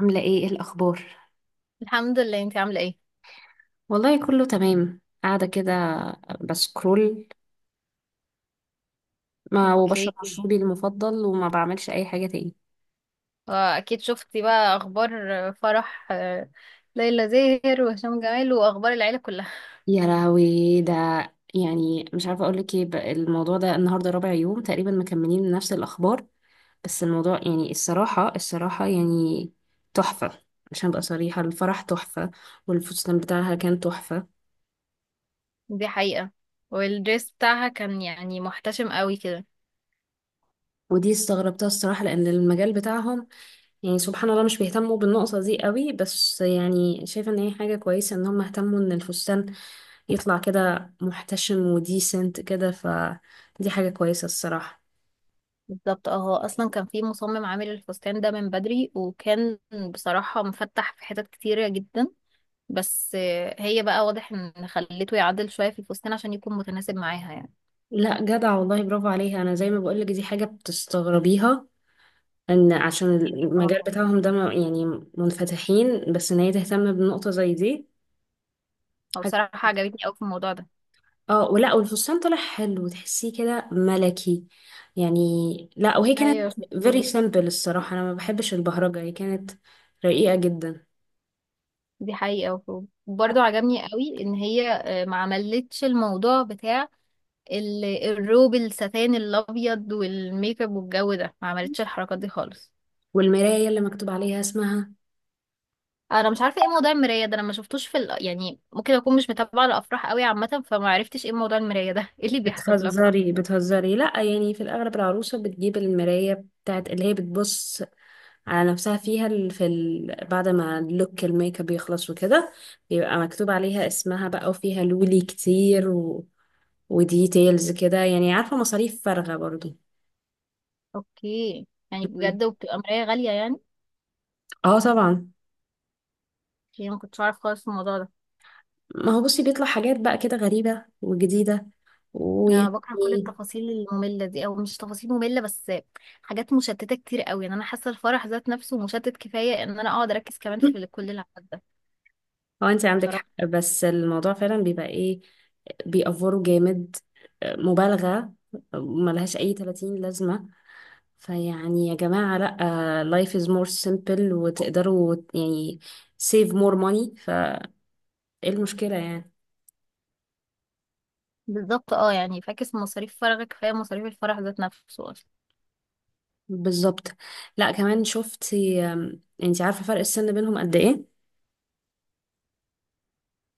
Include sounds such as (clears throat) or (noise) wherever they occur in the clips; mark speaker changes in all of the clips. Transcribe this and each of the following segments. Speaker 1: عاملة ايه الأخبار؟
Speaker 2: الحمد لله، انت عامله ايه؟
Speaker 1: والله كله تمام، قاعدة كده بسكرول. ما وبشرب
Speaker 2: اوكي.
Speaker 1: مشروبي المفضل وما بعملش أي حاجة تاني.
Speaker 2: واكيد شفتي بقى اخبار فرح ليلى زاهر وهشام جمال واخبار العيله كلها.
Speaker 1: يا لهوي، ده يعني مش عارفة أقولك ايه بقى. الموضوع ده النهاردة رابع يوم تقريبا مكملين نفس الأخبار. بس الموضوع يعني الصراحة يعني تحفة. عشان أبقى صريحة، الفرح تحفة والفستان بتاعها كان تحفة.
Speaker 2: (laughs) دي حقيقه. والدريس بتاعها كان يعني محتشم قوي كده.
Speaker 1: ودي استغربتها الصراحة، لأن المجال بتاعهم يعني سبحان الله مش بيهتموا بالنقطة دي قوي، بس يعني شايفة ان هي حاجة كويسة ان هم اهتموا ان الفستان يطلع كده محتشم وديسنت كده، فدي حاجة كويسة الصراحة.
Speaker 2: بالظبط اه، هو اصلا كان في مصمم عامل الفستان ده من بدري، وكان بصراحه مفتح في حتت كتيره جدا. بس هي بقى واضح ان خليته يعدل شويه في الفستان عشان يكون متناسب معاها يعني.
Speaker 1: لا جدع والله، برافو عليها. انا زي ما بقولك دي حاجة بتستغربيها، ان عشان المجال
Speaker 2: اه،
Speaker 1: بتاعهم ده يعني منفتحين، بس ان هي تهتم بنقطة زي دي.
Speaker 2: هو بصراحه عجبتني قوي في الموضوع ده.
Speaker 1: اه، ولا والفستان طلع حلو، تحسيه كده ملكي يعني. لا وهي
Speaker 2: ايوه،
Speaker 1: كانت very
Speaker 2: شطورة.
Speaker 1: simple الصراحة، انا ما بحبش البهرجة. هي كانت رقيقة جدا.
Speaker 2: دي حقيقة. وبرضه عجبني قوي ان هي ما عملتش الموضوع بتاع الروب الستان الابيض والميك اب والجو ده، ما عملتش الحركات دي خالص.
Speaker 1: والمراية اللي مكتوب عليها اسمها.
Speaker 2: انا مش عارفة ايه موضوع المراية ده. انا ما شفتوش في ال. يعني ممكن اكون مش متابعة الافراح قوي عامة، فما عرفتش ايه موضوع المراية ده. (laughs) ايه اللي بيحصل في الافراح؟
Speaker 1: بتهزري بتهزري، لا يعني في الاغلب العروسة بتجيب المراية بتاعت اللي هي بتبص على نفسها فيها، بعد ما اللوك الميك اب يخلص وكده بيبقى مكتوب عليها اسمها بقى، وفيها لولي كتير وديتيلز كده، يعني عارفة مصاريف فارغة برضو.
Speaker 2: اوكي، يعني بجد. وبتبقى مراية غالية يعني.
Speaker 1: اه طبعا.
Speaker 2: يعني ما كنتش عارف خالص الموضوع ده.
Speaker 1: ما هو بصي بيطلع حاجات بقى كده غريبة وجديدة،
Speaker 2: انا بكره كل
Speaker 1: ويعني (laughs)
Speaker 2: التفاصيل الممله دي، او مش تفاصيل ممله بس حاجات مشتته كتير قوي. يعني انا حاسه الفرح ذات نفسه مشتت كفايه ان انا اقعد اركز كمان في كل العدد ده.
Speaker 1: هو انت عندك
Speaker 2: بصراحه.
Speaker 1: حق، بس الموضوع فعلا بيبقى ايه، بيأفوروا جامد، مبالغة، ملهاش أي 30 لازمة. فيعني يا جماعة لأ، life is more simple وتقدروا يعني save more money. فايه المشكلة يعني؟
Speaker 2: بالظبط اه، يعني فاكس مصاريف فرحك، كفايه مصاريف الفرح ذات نفسه اصلا.
Speaker 1: بالظبط. لأ كمان شفتي، انتي عارفة فرق السن بينهم قد ايه؟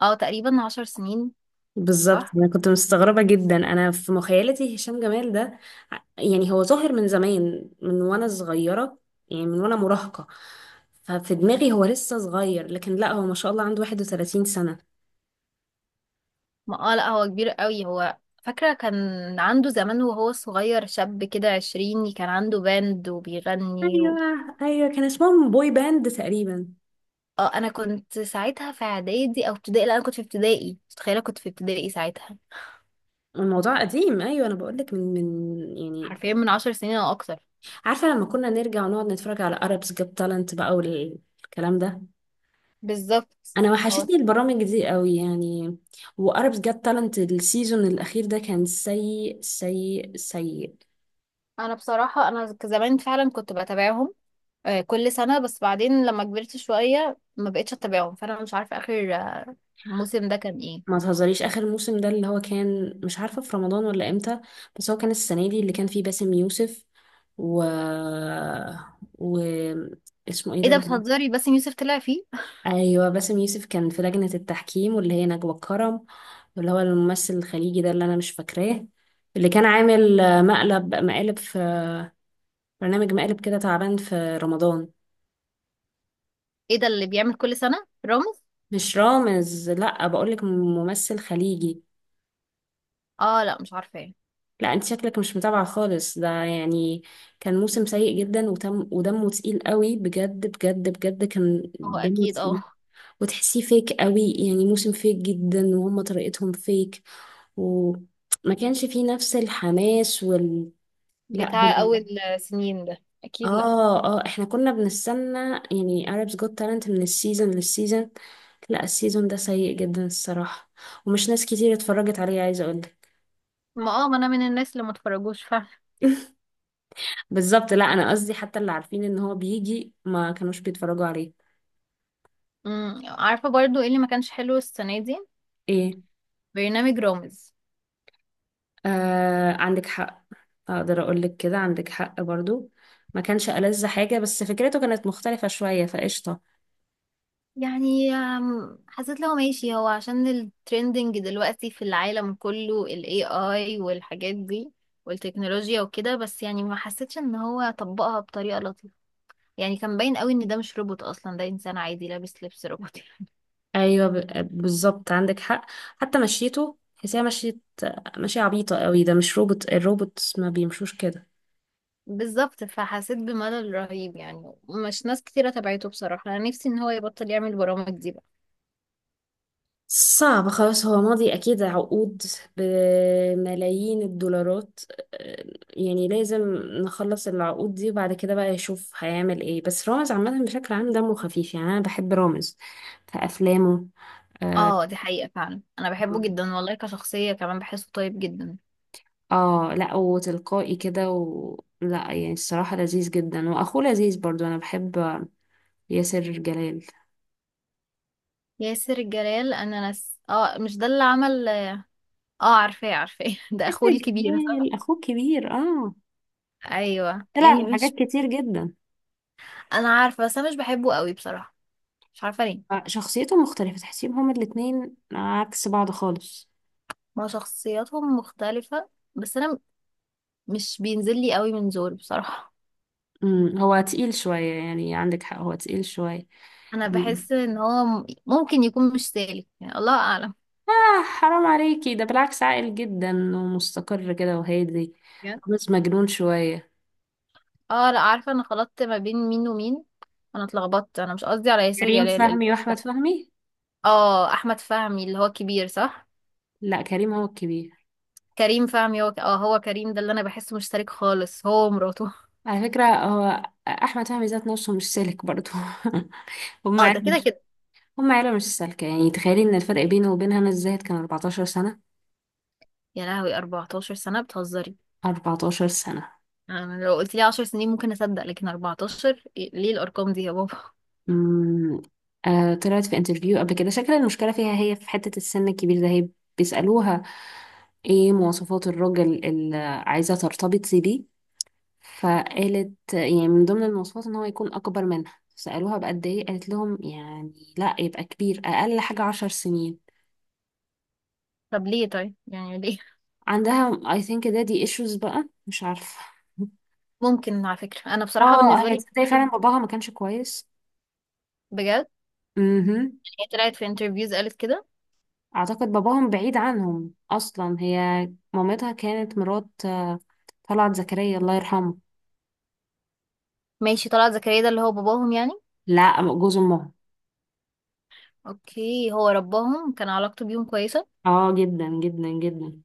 Speaker 2: اه، تقريبا 10 سنين.
Speaker 1: بالظبط،
Speaker 2: صح.
Speaker 1: انا كنت مستغربه جدا. انا في مخيلتي هشام جمال ده يعني هو ظاهر من زمان، من وانا صغيره يعني، من وانا مراهقه. ففي دماغي هو لسه صغير، لكن لا هو ما شاء الله عنده 31 سنه.
Speaker 2: ما اه، لا، هو كبير قوي هو. فاكره كان عنده زمان وهو صغير شاب كده عشريني، كان عنده باند وبيغني و.
Speaker 1: ايوه ايوه، كان اسمهم بوي باند تقريبا.
Speaker 2: اه، انا كنت ساعتها في اعدادي او ابتدائي. لا، انا كنت في ابتدائي، متخيله كنت في ابتدائي ساعتها.
Speaker 1: الموضوع قديم. ايوه انا بقول لك من يعني.
Speaker 2: حرفيا من 10 سنين او اكتر.
Speaker 1: عارفه لما كنا نرجع ونقعد نتفرج على Arabs Got Talent بقى والكلام ده.
Speaker 2: بالظبط.
Speaker 1: انا
Speaker 2: هو
Speaker 1: وحشتني البرامج دي قوي يعني. واربس جت تالنت، السيزون الاخير ده كان سيء سيء سيء.
Speaker 2: انا بصراحه انا زمان فعلا كنت بتابعهم كل سنه. بس بعدين لما كبرت شويه ما بقتش اتابعهم، فانا مش عارفه اخر الموسم ده كان ايه.
Speaker 1: ما تهزريش، اخر موسم ده اللي هو كان مش عارفه في رمضان ولا امتى، بس هو كان السنه دي اللي كان فيه باسم يوسف و و اسمه ايه
Speaker 2: ايه
Speaker 1: ده
Speaker 2: ده بتهزري، باسم يوسف طلع فيه؟
Speaker 1: ايوه باسم يوسف، كان في لجنه التحكيم واللي هي نجوى الكرم، واللي هو الممثل الخليجي ده اللي انا مش فاكراه، اللي كان عامل مقالب في برنامج مقالب كده تعبان في رمضان.
Speaker 2: (laughs) ايه ده اللي بيعمل كل سنه رامز؟
Speaker 1: مش رامز، لا بقولك ممثل خليجي.
Speaker 2: اه لا، مش عارفه ايه.
Speaker 1: لا انت شكلك مش متابعة خالص ده يعني. كان موسم سيء جدا، وتم، ودمه تقيل قوي بجد بجد بجد، كان
Speaker 2: هو
Speaker 1: دمه
Speaker 2: اكيد
Speaker 1: تقيل
Speaker 2: اه.
Speaker 1: وتحسيه فيك قوي يعني، موسم فيك جدا وهم طريقتهم فيك، وما كانش فيه نفس الحماس لا،
Speaker 2: بتاع اول سنين ده اكيد، لا.
Speaker 1: اه اه احنا كنا بنستنى يعني Arabs Got Talent من السيزون للسيزون. لا السيزون ده سيء جدا الصراحة، ومش ناس كتير اتفرجت عليه، عايزة اقولك.
Speaker 2: ما اه، ما انا من الناس اللي ما اتفرجوش فعلا.
Speaker 1: بالظبط، لا انا قصدي حتى اللي عارفين ان هو بيجي ما كانوش بيتفرجوا عليه.
Speaker 2: عارفه برضو ايه اللي ما كانش حلو السنه دي؟
Speaker 1: ايه؟
Speaker 2: برنامج رامز.
Speaker 1: آه، عندك حق. اقدر اقول لك كده، عندك حق برضو. ما كانش ألذ حاجة، بس فكرته كانت مختلفة شوية فقشطة.
Speaker 2: يعني حسيت لو ماشي هو عشان الترندنج دلوقتي في العالم كله ال AI والحاجات دي والتكنولوجيا وكده. بس يعني ما حسيتش ان هو طبقها بطريقة لطيفة. يعني كان باين قوي ان ده مش روبوت اصلا، ده انسان عادي لابس لبس روبوتي.
Speaker 1: ايوه، بالظبط عندك حق. حتى مشيته تحسيها مشي، مشي عبيطة قوي، ده مش روبوت، الروبوت ما بيمشوش كده.
Speaker 2: (laughs) بالظبط، فحسيت بملل رهيب. يعني مش ناس كتيرة تبعته بصراحة. انا نفسي ان هو يبطل يعمل برامج دي بقى.
Speaker 1: صعب خلاص، هو ماضي أكيد عقود بملايين الدولارات. آه، يعني لازم نخلص العقود دي، وبعد كده بقى يشوف هيعمل ايه. بس رامز عامة بشكل عام دمه خفيف يعني، أنا بحب رامز في أفلامه. اه.
Speaker 2: اه، دي حقيقة فعلا. انا بحبه جدا والله، كشخصية كمان بحسه طيب جدا.
Speaker 1: آه، لا وتلقائي كده لا يعني الصراحة لذيذ جدا، وأخوه لذيذ برضو. أنا بحب ياسر جلال.
Speaker 2: ياسر جلال؟ انا ناس اه، مش ده اللي عمل. اه، عارفاه عارفاه. (laughs) ده اخوه
Speaker 1: ياسر
Speaker 2: الكبير، صح؟
Speaker 1: جلال أخوه كبير، اه.
Speaker 2: ايوه، يعني
Speaker 1: طلع في حاجات
Speaker 2: مش
Speaker 1: كتير جدا.
Speaker 2: انا عارفه. بس انا مش بحبه قوي بصراحه. مش عارفه ليه.
Speaker 1: شخصيته مختلفة، تحسيهم هما الاتنين عكس بعض خالص.
Speaker 2: ما شخصياتهم مختلفه. بس انا مش بينزل لي قوي من زور بصراحه.
Speaker 1: هو تقيل شوية يعني، عندك حق، هو تقيل شوية.
Speaker 2: انا
Speaker 1: مم.
Speaker 2: بحس ان هو ممكن يكون مش سالك يعني. الله اعلم.
Speaker 1: آه، حرام عليكي، ده بالعكس عاقل جدا، ومستقر كده وهادي.
Speaker 2: بجد؟
Speaker 1: بس مجنون شوية.
Speaker 2: اه لا، عارفه. انا خلطت ما بين مين ومين. انا اتلخبطت. انا مش قصدي على ياسر
Speaker 1: كريم
Speaker 2: جلال
Speaker 1: فهمي وأحمد
Speaker 2: (laughs)
Speaker 1: فهمي.
Speaker 2: اه، احمد فهمي اللي هو كبير، صح؟
Speaker 1: لا كريم هو الكبير.
Speaker 2: كريم فهمي هو اه، هو كريم ده اللي انا بحسه مش سالك خالص، هو ومراته.
Speaker 1: على فكرة هو أحمد فهمي ذات نفسه مش سالك برضه. (laughs) هم
Speaker 2: اه، ده
Speaker 1: عيلة
Speaker 2: كده
Speaker 1: مش
Speaker 2: كده.
Speaker 1: هم عيلة مش سالكة. يعني تخيلي إن الفرق بينه وبينها أنا الزاهد كان 14 سنة،
Speaker 2: يا لهوي، 14 سنة، بتهزري؟
Speaker 1: 14 سنة.
Speaker 2: انا لو قلت لي 10 سنين ممكن اصدق، لكن 14 ليه الارقام دي يا بابا؟ (laughs)
Speaker 1: مم. آه، طلعت في انترفيو قبل كده، شكل المشكلة فيها هي في حتة السن الكبير ده. هي بيسألوها ايه مواصفات الراجل اللي عايزة ترتبط بيه، فقالت يعني من ضمن المواصفات ان هو يكون اكبر منها. سألوها بقد ايه، قالت لهم يعني لا، يبقى كبير اقل حاجة 10 سنين.
Speaker 2: طب ليه طيب يعني، ليه
Speaker 1: عندها I think دي issues بقى، مش عارفة.
Speaker 2: ممكن؟ على فكرة، انا بصراحة
Speaker 1: اه. (laughs)
Speaker 2: بالنسبة
Speaker 1: هي
Speaker 2: لي.
Speaker 1: تصدقي فعلا باباها ما كانش كويس.
Speaker 2: بجد.
Speaker 1: مهم.
Speaker 2: هي طلعت في انترفيوز قالت كده.
Speaker 1: اعتقد باباهم بعيد عنهم اصلا. هي مامتها كانت مرات طلعت زكريا الله يرحمه.
Speaker 2: ماشي. طلعت زكريا ده اللي هو باباهم يعني؟
Speaker 1: لا جوز امها.
Speaker 2: اوكي، هو رباهم كان علاقته بيهم كويسة.
Speaker 1: اه جدا جدا جدا.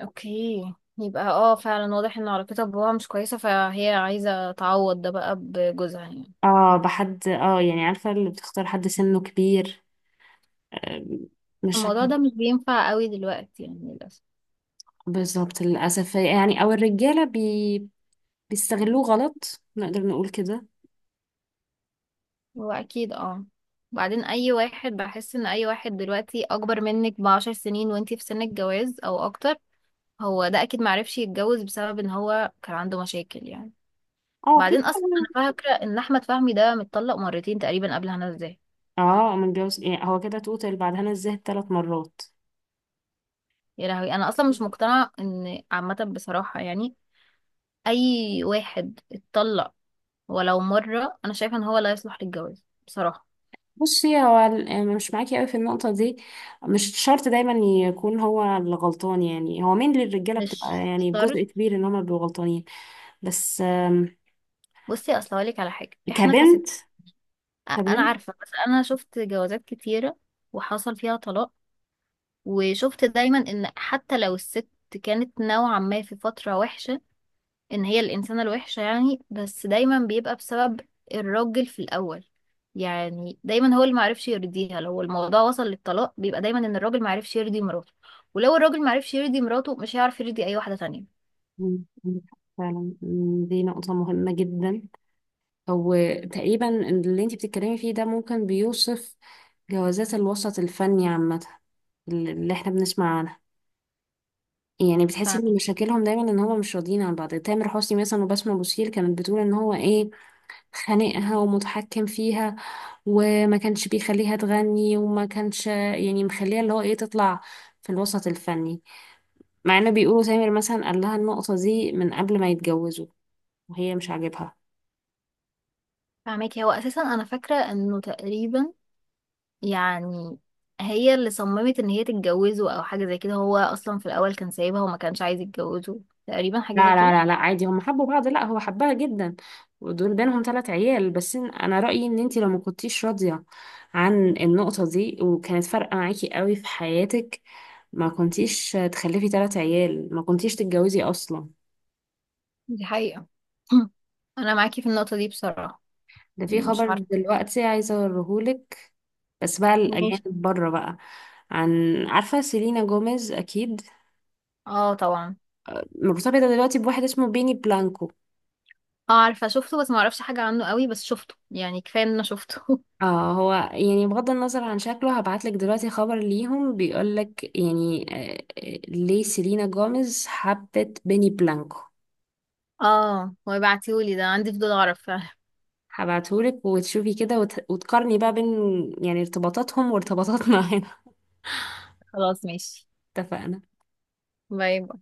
Speaker 2: اوكي. يبقى اه، فعلا واضح ان علاقتها بباباها مش كويسة، فهي عايزة تعوض ده بقى بجوزها يعني.
Speaker 1: اه، بحد يعني عارفه اللي بتختار حد سنه كبير، آه، مش
Speaker 2: الموضوع
Speaker 1: عارفة.
Speaker 2: ده مش بينفع قوي دلوقتي يعني للأسف.
Speaker 1: بالظبط للاسف يعني، او الرجاله بيستغلوه غلط، نقدر نقول كده.
Speaker 2: هو اكيد اه. بعدين اي واحد بحس ان اي واحد دلوقتي اكبر منك بـ10 سنين وانتي في سن الجواز او اكتر، هو ده اكيد معرفش يتجوز بسبب ان هو كان عنده مشاكل يعني.
Speaker 1: اه، في.
Speaker 2: بعدين اصلا انا فاكره ان احمد فهمي ده متطلق مرتين تقريبا قبل هنا، ازاي؟
Speaker 1: اه، من جوز يعني، هو كده توتال بعد هنا الزاهد ثلاث مرات.
Speaker 2: يا لهوي، انا اصلا مش مقتنعه ان عامه بصراحه يعني. اي واحد اتطلق ولو مره، انا شايفه ان هو لا يصلح للجواز بصراحه.
Speaker 1: بصي هو يعني مش معاكي قوي في النقطة دي. مش شرط دايما يكون هو اللي غلطان. يعني هو مين للرجالة بتبقى
Speaker 2: مش
Speaker 1: يعني
Speaker 2: شرط.
Speaker 1: بجزء كبير ان هما بيبقوا غلطانين. بس
Speaker 2: بصي، اصل هقولك على حاجه. احنا كست.
Speaker 1: كبنت.
Speaker 2: انا
Speaker 1: كبنت.
Speaker 2: عارفه، بس انا شفت جوازات كتيره وحصل فيها طلاق، وشفت دايما ان حتى لو الست كانت نوعا ما في فتره وحشه، ان هي الانسانه الوحشه يعني، بس دايما بيبقى بسبب الراجل في الاول. يعني دايما هو اللي معرفش يرضيها. لو الموضوع وصل للطلاق، بيبقى دايما ان الراجل معرفش يرضي مراته. ولو الراجل معرفش يرضي مراته، مش هيعرف يرضي اي واحده تانية.
Speaker 1: مم، عندك حق فعلا. مم، دي نقطة مهمة جدا. وتقريبا اللي انتي بتتكلمي فيه ده ممكن بيوصف جوازات الوسط الفني عامة، اللي احنا بنسمع عنها. يعني بتحسي ان مشاكلهم دايما ان هما مش راضيين عن بعض. تامر حسني مثلا وبسمة بوسيل كانت بتقول ان هو ايه خانقها ومتحكم فيها، وما كانش بيخليها تغني وما كانش يعني مخليها اللي هو ايه تطلع في الوسط الفني، مع انه بيقولوا سامر مثلا قال لها النقطة دي من قبل ما يتجوزوا وهي مش عاجبها.
Speaker 2: فاهمك. هو اساسا انا فاكره انه تقريبا يعني هي اللي صممت ان هي تتجوزه او حاجة زي كده. هو اصلا في الاول كان سايبها وما كانش عايز يتجوزه، تقريبا حاجة زي
Speaker 1: لا لا
Speaker 2: كده.
Speaker 1: لا لا، عادي هم حبوا بعض، لا هو حبها جدا، ودول بينهم ثلاث عيال. بس انا رأيي ان انتي لو ما كنتيش راضية عن النقطة دي وكانت فارقة معاكي قوي في حياتك، ما كنتيش تخلفي ثلاث عيال، ما كنتيش تتجوزي اصلا.
Speaker 2: دي حقيقة. (clears throat) انا معاكي في النقطة دي بصراحة.
Speaker 1: ده في
Speaker 2: مش
Speaker 1: خبر
Speaker 2: عارفة.
Speaker 1: دلوقتي عايزة أوريهولك، بس بقى
Speaker 2: ماشي.
Speaker 1: الأجانب بره بقى. عارفة سيلينا جوميز أكيد
Speaker 2: اه طبعا.
Speaker 1: مرتبطة دلوقتي بواحد اسمه بيني بلانكو.
Speaker 2: اه، عارفة شفته بس ما اعرفش حاجة عنه قوي، بس شفته. يعني كفاية ان انا شفته. (laughs)
Speaker 1: اه هو يعني بغض النظر عن شكله، هبعتلك دلوقتي خبر ليهم بيقولك يعني، ليه سيلينا جوميز حبت بيني بلانكو.
Speaker 2: اه، هو يبعتيهولي ده. عندي فضول اعرف فعلا.
Speaker 1: هبعتهولك وتشوفي كده وتقارني بقى بين يعني ارتباطاتهم وارتباطاتنا. (laughs) هنا
Speaker 2: (laughs) خلاص ماشي.
Speaker 1: اتفقنا.
Speaker 2: باي.